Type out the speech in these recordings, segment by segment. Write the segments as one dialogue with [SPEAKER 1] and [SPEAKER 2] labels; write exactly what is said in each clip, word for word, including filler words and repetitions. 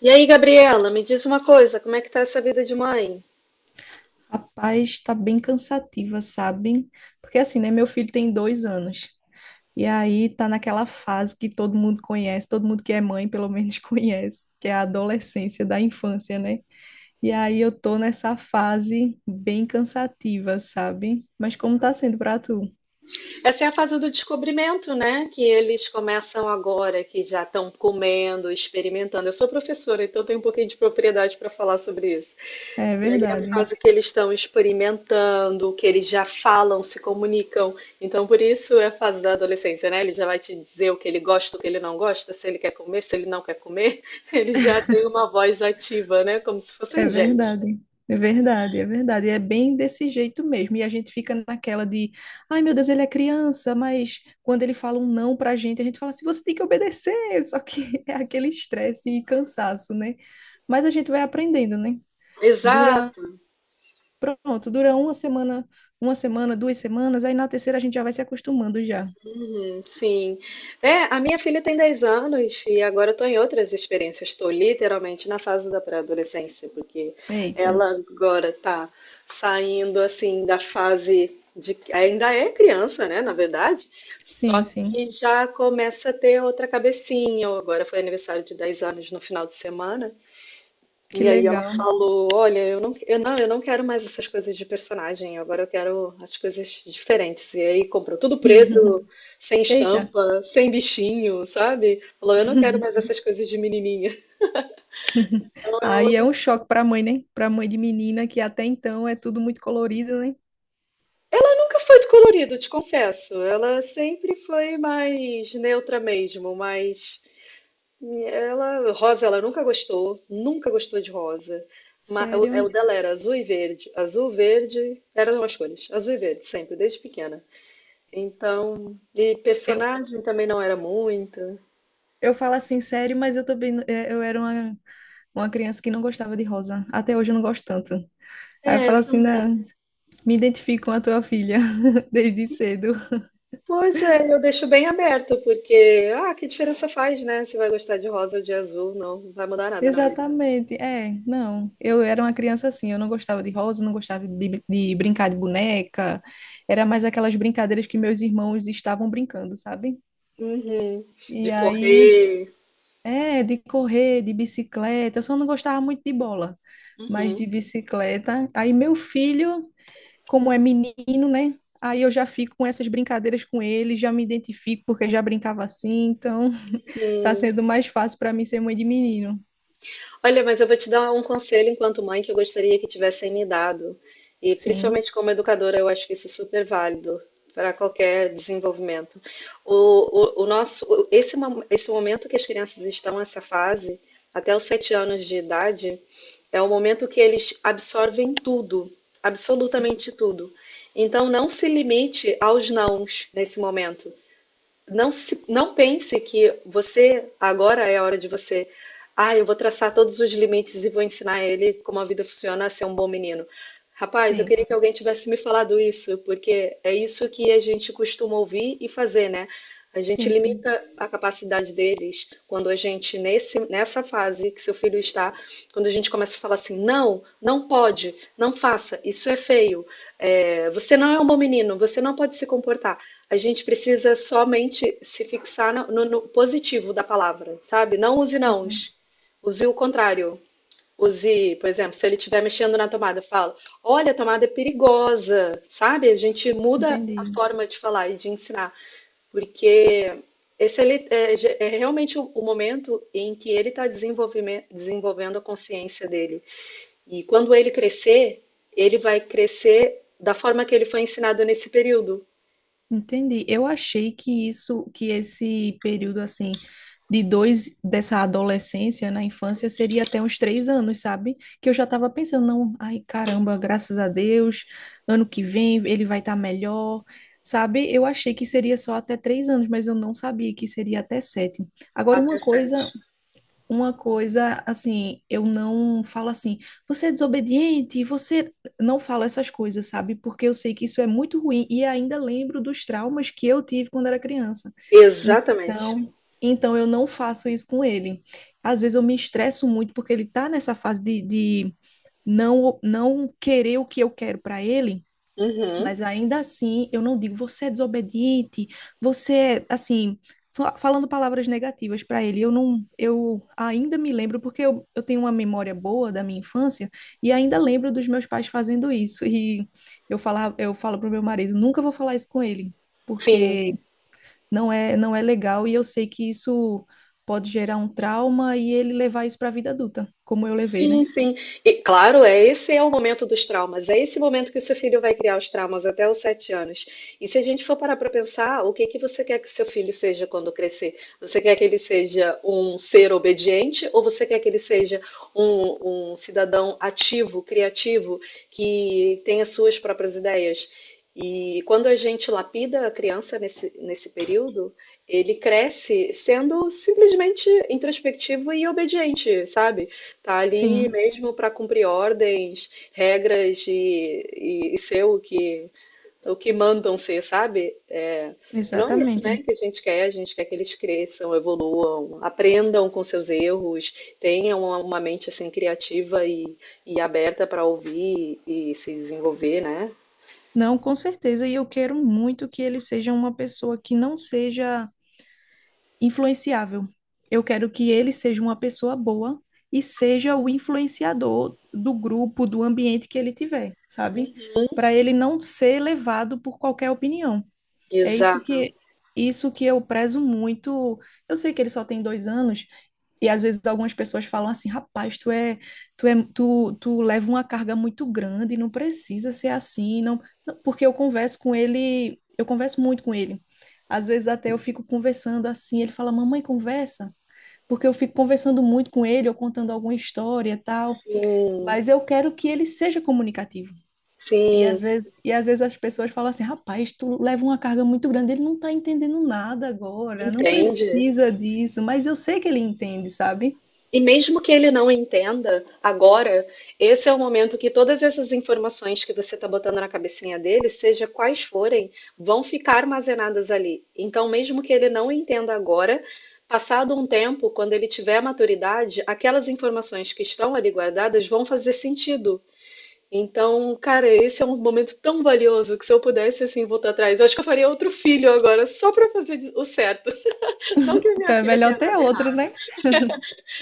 [SPEAKER 1] E aí, Gabriela, me diz uma coisa, como é que tá essa vida de mãe?
[SPEAKER 2] Rapaz, tá bem cansativa, sabe? Porque assim, né? Meu filho tem dois anos. E aí tá naquela fase que todo mundo conhece, todo mundo que é mãe, pelo menos, conhece, que é a adolescência da infância, né? E aí eu tô nessa fase bem cansativa, sabe? Mas como tá sendo pra tu?
[SPEAKER 1] Essa é a fase do descobrimento, né? Que eles começam agora, que já estão comendo, experimentando. Eu sou professora, então tenho um pouquinho de propriedade para falar sobre isso.
[SPEAKER 2] É
[SPEAKER 1] E aí é a
[SPEAKER 2] verdade.
[SPEAKER 1] fase que eles estão experimentando, que eles já falam, se comunicam. Então, por isso é a fase da adolescência, né? Ele já vai te dizer o que ele gosta, o que ele não gosta, se ele quer comer, se ele não quer comer. Ele já tem uma voz ativa, né? Como se
[SPEAKER 2] É
[SPEAKER 1] fossem gente.
[SPEAKER 2] verdade. É verdade, é verdade. É bem desse jeito mesmo. E a gente fica naquela de, ai meu Deus, ele é criança, mas quando ele fala um não pra gente, a gente fala assim, você tem que obedecer. Só que é aquele estresse e cansaço, né? Mas a gente vai aprendendo, né? Dura,
[SPEAKER 1] Exato.
[SPEAKER 2] pronto, dura uma semana, uma semana, duas semanas, aí na terceira a gente já vai se acostumando já.
[SPEAKER 1] Hum, sim. É, a minha filha tem dez anos e agora estou em outras experiências. Estou literalmente na fase da pré-adolescência, porque
[SPEAKER 2] Eita.
[SPEAKER 1] ela agora está saindo assim da fase de. Ainda é criança, né? Na verdade, só
[SPEAKER 2] Sim, sim.
[SPEAKER 1] que já começa a ter outra cabecinha. Agora foi aniversário de dez anos no final de semana.
[SPEAKER 2] Que
[SPEAKER 1] E aí ela
[SPEAKER 2] legal.
[SPEAKER 1] falou: Olha, eu não, eu não, eu não quero mais essas coisas de personagem, agora eu quero as coisas diferentes. E aí comprou tudo preto, sem
[SPEAKER 2] Eita.
[SPEAKER 1] estampa, sem bichinho, sabe? Falou: Eu não quero mais essas coisas de menininha. Então é
[SPEAKER 2] Aí é
[SPEAKER 1] outro.
[SPEAKER 2] um choque para a mãe, né? Para a mãe de menina, que até então é tudo muito colorido, né?
[SPEAKER 1] Nunca foi de colorido, te confesso. Ela sempre foi mais neutra mesmo, mas ela, rosa, ela nunca gostou, nunca gostou de rosa. Ma- O, é, o
[SPEAKER 2] Sério.
[SPEAKER 1] dela era azul e verde. Azul, verde, eram as cores. Azul e verde, sempre, desde pequena. Então, e
[SPEAKER 2] Eu,
[SPEAKER 1] personagem também não era muita.
[SPEAKER 2] eu falo assim, sério, mas eu também, é, eu era uma, uma criança que não gostava de rosa. Até hoje eu não gosto tanto. Aí eu
[SPEAKER 1] É,
[SPEAKER 2] falo assim,
[SPEAKER 1] tam-
[SPEAKER 2] "Não, me identifico com a tua filha desde cedo.
[SPEAKER 1] pois é, eu deixo bem aberto, porque, ah, que diferença faz, né? Se vai gostar de rosa ou de azul, não, não vai mudar nada na vida.
[SPEAKER 2] Exatamente, é, não. Eu era uma criança assim, eu não gostava de rosa, não gostava de, de brincar de boneca. Era mais aquelas brincadeiras que meus irmãos estavam brincando, sabe?
[SPEAKER 1] Uhum. De
[SPEAKER 2] E aí.
[SPEAKER 1] correr.
[SPEAKER 2] É, de correr, de bicicleta. Eu só não gostava muito de bola, mas
[SPEAKER 1] Uhum.
[SPEAKER 2] de bicicleta. Aí meu filho, como é menino, né? Aí eu já fico com essas brincadeiras com ele, já me identifico porque já brincava assim, então tá
[SPEAKER 1] Hum.
[SPEAKER 2] sendo mais fácil para mim ser mãe de menino.
[SPEAKER 1] Olha, mas eu vou te dar um conselho enquanto mãe que eu gostaria que tivessem me dado. E
[SPEAKER 2] Sim,
[SPEAKER 1] principalmente como educadora, eu acho que isso é super válido para qualquer desenvolvimento. O, o, o nosso, o- esse, mo- esse momento que as crianças estão nessa fase, até os sete anos de idade, é o momento que eles absorvem tudo,
[SPEAKER 2] sim,
[SPEAKER 1] absolutamente tudo. Então, não se limite aos nãos nesse momento não, se- não pense que você agora é a hora de você. Ah, eu vou traçar todos os limites e vou ensinar ele como a vida funciona a ser um bom menino. Rapaz, eu
[SPEAKER 2] sim,
[SPEAKER 1] queria que alguém tivesse me falado isso, porque é isso que a gente costuma ouvir e fazer, né? A gente
[SPEAKER 2] sim, sim,
[SPEAKER 1] limita a capacidade deles quando a gente, nesse, nessa fase que seu filho está, quando a gente começa a falar assim, não, não pode, não faça, isso é feio, é, você não é um bom menino, você não pode se comportar. A gente precisa somente se fixar no, no- no positivo da palavra, sabe? Não use
[SPEAKER 2] sim.
[SPEAKER 1] nãos. Use o contrário. Use, por exemplo, se ele estiver mexendo na tomada, fala: Olha, a tomada é perigosa, sabe? A gente muda a
[SPEAKER 2] Entendi.
[SPEAKER 1] forma de falar e de ensinar, porque esse ele- é, ge- é realmente o, o momento em que ele está desenvolvendo a consciência dele. E quando ele crescer, ele vai crescer da forma que ele foi ensinado nesse período,
[SPEAKER 2] Entendi. Eu achei que isso, que esse período assim de dois dessa adolescência na infância seria até uns três anos, sabe? Que eu já estava pensando, não, ai caramba, graças a Deus, ano que vem ele vai estar melhor, sabe? Eu achei que seria só até três anos, mas eu não sabia que seria até sete. Agora,
[SPEAKER 1] até
[SPEAKER 2] uma
[SPEAKER 1] sete.
[SPEAKER 2] coisa uma coisa assim, eu não falo assim, você é desobediente, você não falo essas coisas, sabe? Porque eu sei que isso é muito ruim e ainda lembro dos traumas que eu tive quando era criança.
[SPEAKER 1] Exatamente.
[SPEAKER 2] Então, então eu não faço isso com ele. Às vezes eu me estresso muito porque ele tá nessa fase de, de não não querer o que eu quero para ele.
[SPEAKER 1] Uhum.
[SPEAKER 2] Mas ainda assim, eu não digo você é desobediente, você, é", assim, fa- falando palavras negativas para ele. Eu não, eu ainda me lembro, porque eu, eu tenho uma memória boa da minha infância e ainda lembro dos meus pais fazendo isso. E eu falava, eu falo pro meu marido, nunca vou falar isso com ele,
[SPEAKER 1] Sim.
[SPEAKER 2] porque não é, não é legal e eu sei que isso pode gerar um trauma e ele levar isso para a vida adulta, como eu levei, né?
[SPEAKER 1] Sim, sim. E claro, é esse é o momento dos traumas. É esse momento que o seu filho vai criar os traumas até os sete anos. E se a gente for parar para pensar, o que que você quer que o seu filho seja quando crescer? Você quer que ele seja um ser obediente ou você quer que ele seja um, um cidadão ativo, criativo, que tenha suas próprias ideias? E quando a gente lapida a criança nesse, nesse período, ele cresce sendo simplesmente introspectivo e obediente, sabe? Tá ali
[SPEAKER 2] Sim,
[SPEAKER 1] mesmo para cumprir ordens, regras e, e- e ser o que, o que, mandam ser, sabe? É, e não é isso,
[SPEAKER 2] exatamente.
[SPEAKER 1] né, que a gente quer. A gente quer que eles cresçam, evoluam, aprendam com seus erros, tenham uma, uma mente assim criativa e, e aberta para ouvir e se desenvolver, né?
[SPEAKER 2] Não, com certeza. E eu quero muito que ele seja uma pessoa que não seja influenciável. Eu quero que ele seja uma pessoa boa e seja o influenciador do grupo, do ambiente que ele tiver, sabe?
[SPEAKER 1] Uhum.
[SPEAKER 2] Para ele não ser levado por qualquer opinião. É isso
[SPEAKER 1] Exato.
[SPEAKER 2] que isso que eu prezo muito. Eu sei que ele só tem dois anos, e às vezes algumas pessoas falam assim, rapaz, tu é, tu é, tu, tu leva uma carga muito grande, não precisa ser assim, não, não, porque eu converso com ele, eu converso muito com ele. Às vezes até eu fico conversando assim, ele fala, mamãe, conversa, porque eu fico conversando muito com ele, eu contando alguma história e tal,
[SPEAKER 1] Sim,
[SPEAKER 2] mas eu quero que ele seja comunicativo. E às
[SPEAKER 1] sim,
[SPEAKER 2] vezes, e às vezes as pessoas falam assim, rapaz, tu leva uma carga muito grande, ele não tá entendendo nada agora, não
[SPEAKER 1] entende.
[SPEAKER 2] precisa disso, mas eu sei que ele entende, sabe?
[SPEAKER 1] E mesmo que ele não entenda agora, esse é o momento que todas essas informações que você está botando na cabecinha dele, seja quais forem, vão ficar armazenadas ali. Então, mesmo que ele não entenda agora, passado um tempo, quando ele tiver maturidade, aquelas informações que estão ali guardadas vão fazer sentido. Então, cara, esse é um momento tão valioso que se eu pudesse assim voltar atrás, eu acho que eu faria outro filho agora, só para fazer o certo. Não que a
[SPEAKER 2] Então
[SPEAKER 1] minha
[SPEAKER 2] é
[SPEAKER 1] filha
[SPEAKER 2] melhor
[SPEAKER 1] tenha
[SPEAKER 2] ter
[SPEAKER 1] dado
[SPEAKER 2] outro,
[SPEAKER 1] errado.
[SPEAKER 2] né?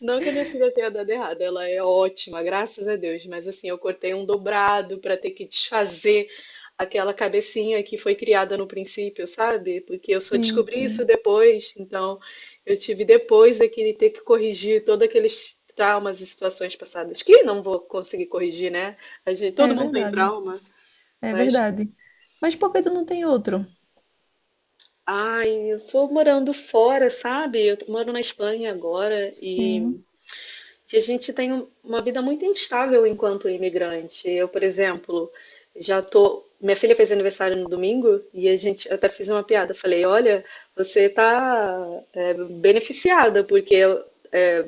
[SPEAKER 1] Não que a minha filha tenha dado errado, ela é ótima, graças a Deus, mas assim, eu cortei um dobrado para ter que desfazer aquela cabecinha que foi criada no princípio, sabe? Porque eu só
[SPEAKER 2] Sim,
[SPEAKER 1] descobri isso
[SPEAKER 2] sim.
[SPEAKER 1] depois, então eu tive depois é que ter que corrigir todos aqueles traumas e situações passadas, que não vou conseguir corrigir, né? A gente, todo
[SPEAKER 2] É
[SPEAKER 1] mundo tem
[SPEAKER 2] verdade.
[SPEAKER 1] trauma,
[SPEAKER 2] É
[SPEAKER 1] mas.
[SPEAKER 2] verdade. Mas por que tu não tem outro?
[SPEAKER 1] Ai, eu tô morando fora, sabe? Eu tô- moro na Espanha agora
[SPEAKER 2] Sim.
[SPEAKER 1] e. Que a gente tem um- uma vida muito instável enquanto imigrante. Eu, por exemplo, já tô. Minha filha fez aniversário no domingo e a gente eu até fiz uma piada. Falei, olha, você tá é, beneficiada, porque eh,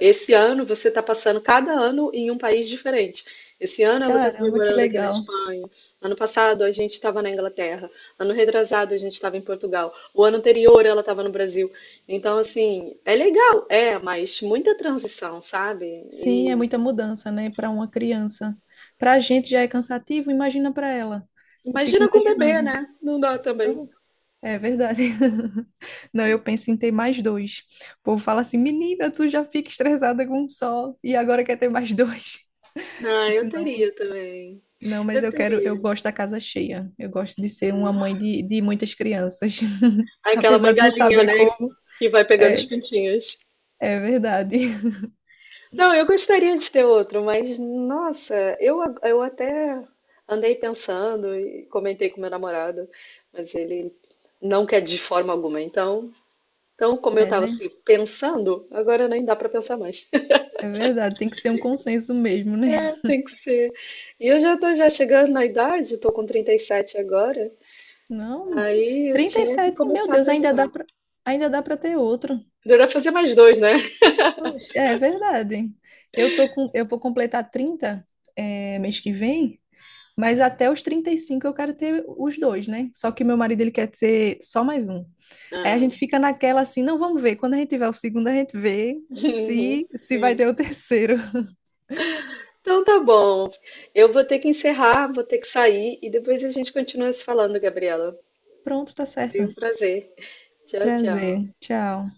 [SPEAKER 1] esse ano você está passando cada ano em um país diferente. Esse ano ela está
[SPEAKER 2] Caramba, que
[SPEAKER 1] comemorando aqui na
[SPEAKER 2] legal.
[SPEAKER 1] Espanha. Ano passado a gente estava na Inglaterra. Ano retrasado a gente estava em Portugal. O ano anterior ela estava no Brasil. Então, assim, é legal, é, mas muita transição, sabe?
[SPEAKER 2] Sim, é
[SPEAKER 1] E
[SPEAKER 2] muita mudança, né, para uma criança. Para a gente já é cansativo, imagina para ela. Eu fico
[SPEAKER 1] imagina com bebê,
[SPEAKER 2] imaginando.
[SPEAKER 1] né? Não dá também.
[SPEAKER 2] Então, é verdade. Não, eu penso em ter mais dois. O povo fala assim, menina, tu já fica estressada com um só e agora quer ter mais dois. Eu
[SPEAKER 1] Ah, eu
[SPEAKER 2] disse, não.
[SPEAKER 1] teria também.
[SPEAKER 2] Não, mas
[SPEAKER 1] Eu
[SPEAKER 2] eu quero, eu
[SPEAKER 1] teria.
[SPEAKER 2] gosto da casa cheia. Eu gosto de ser uma mãe de, de muitas crianças.
[SPEAKER 1] Aquela
[SPEAKER 2] Apesar
[SPEAKER 1] mãe
[SPEAKER 2] de não
[SPEAKER 1] galinha,
[SPEAKER 2] saber
[SPEAKER 1] né?
[SPEAKER 2] como,
[SPEAKER 1] Que vai pegando os
[SPEAKER 2] é,
[SPEAKER 1] pintinhos.
[SPEAKER 2] é verdade.
[SPEAKER 1] Não, eu gostaria de ter outro, mas nossa, eu, a- eu até andei pensando e comentei com meu namorado, mas ele não quer de forma alguma. Então, então como eu
[SPEAKER 2] É,
[SPEAKER 1] estava
[SPEAKER 2] né?
[SPEAKER 1] assim pensando, agora nem dá para pensar mais.
[SPEAKER 2] É verdade, tem que ser um consenso mesmo, né?
[SPEAKER 1] É, tem que ser. E eu já tô já chegando na idade, tô com trinta e sete agora,
[SPEAKER 2] Não,
[SPEAKER 1] aí eu
[SPEAKER 2] Trinta e
[SPEAKER 1] tinha que
[SPEAKER 2] sete. Meu
[SPEAKER 1] começar a
[SPEAKER 2] Deus, ainda dá
[SPEAKER 1] pensar.
[SPEAKER 2] pra, ainda dá para ter outro.
[SPEAKER 1] Ainda dá pra fazer mais dois, né?
[SPEAKER 2] Poxa, é verdade. Eu tô com, eu vou completar trinta, é, mês que vem. Mas até os trinta e cinco eu quero ter os dois, né? Só que meu marido ele quer ter só mais um. Aí a
[SPEAKER 1] Ah.
[SPEAKER 2] gente fica naquela assim, não, vamos ver. Quando a gente tiver o segundo, a gente vê se
[SPEAKER 1] Uhum.
[SPEAKER 2] se vai ter o terceiro.
[SPEAKER 1] Então tá bom. Eu vou ter que encerrar, vou ter que sair e depois a gente continua se falando, Gabriela.
[SPEAKER 2] Pronto, tá
[SPEAKER 1] Foi
[SPEAKER 2] certo.
[SPEAKER 1] um prazer. Tchau, tchau.
[SPEAKER 2] Prazer. Tchau.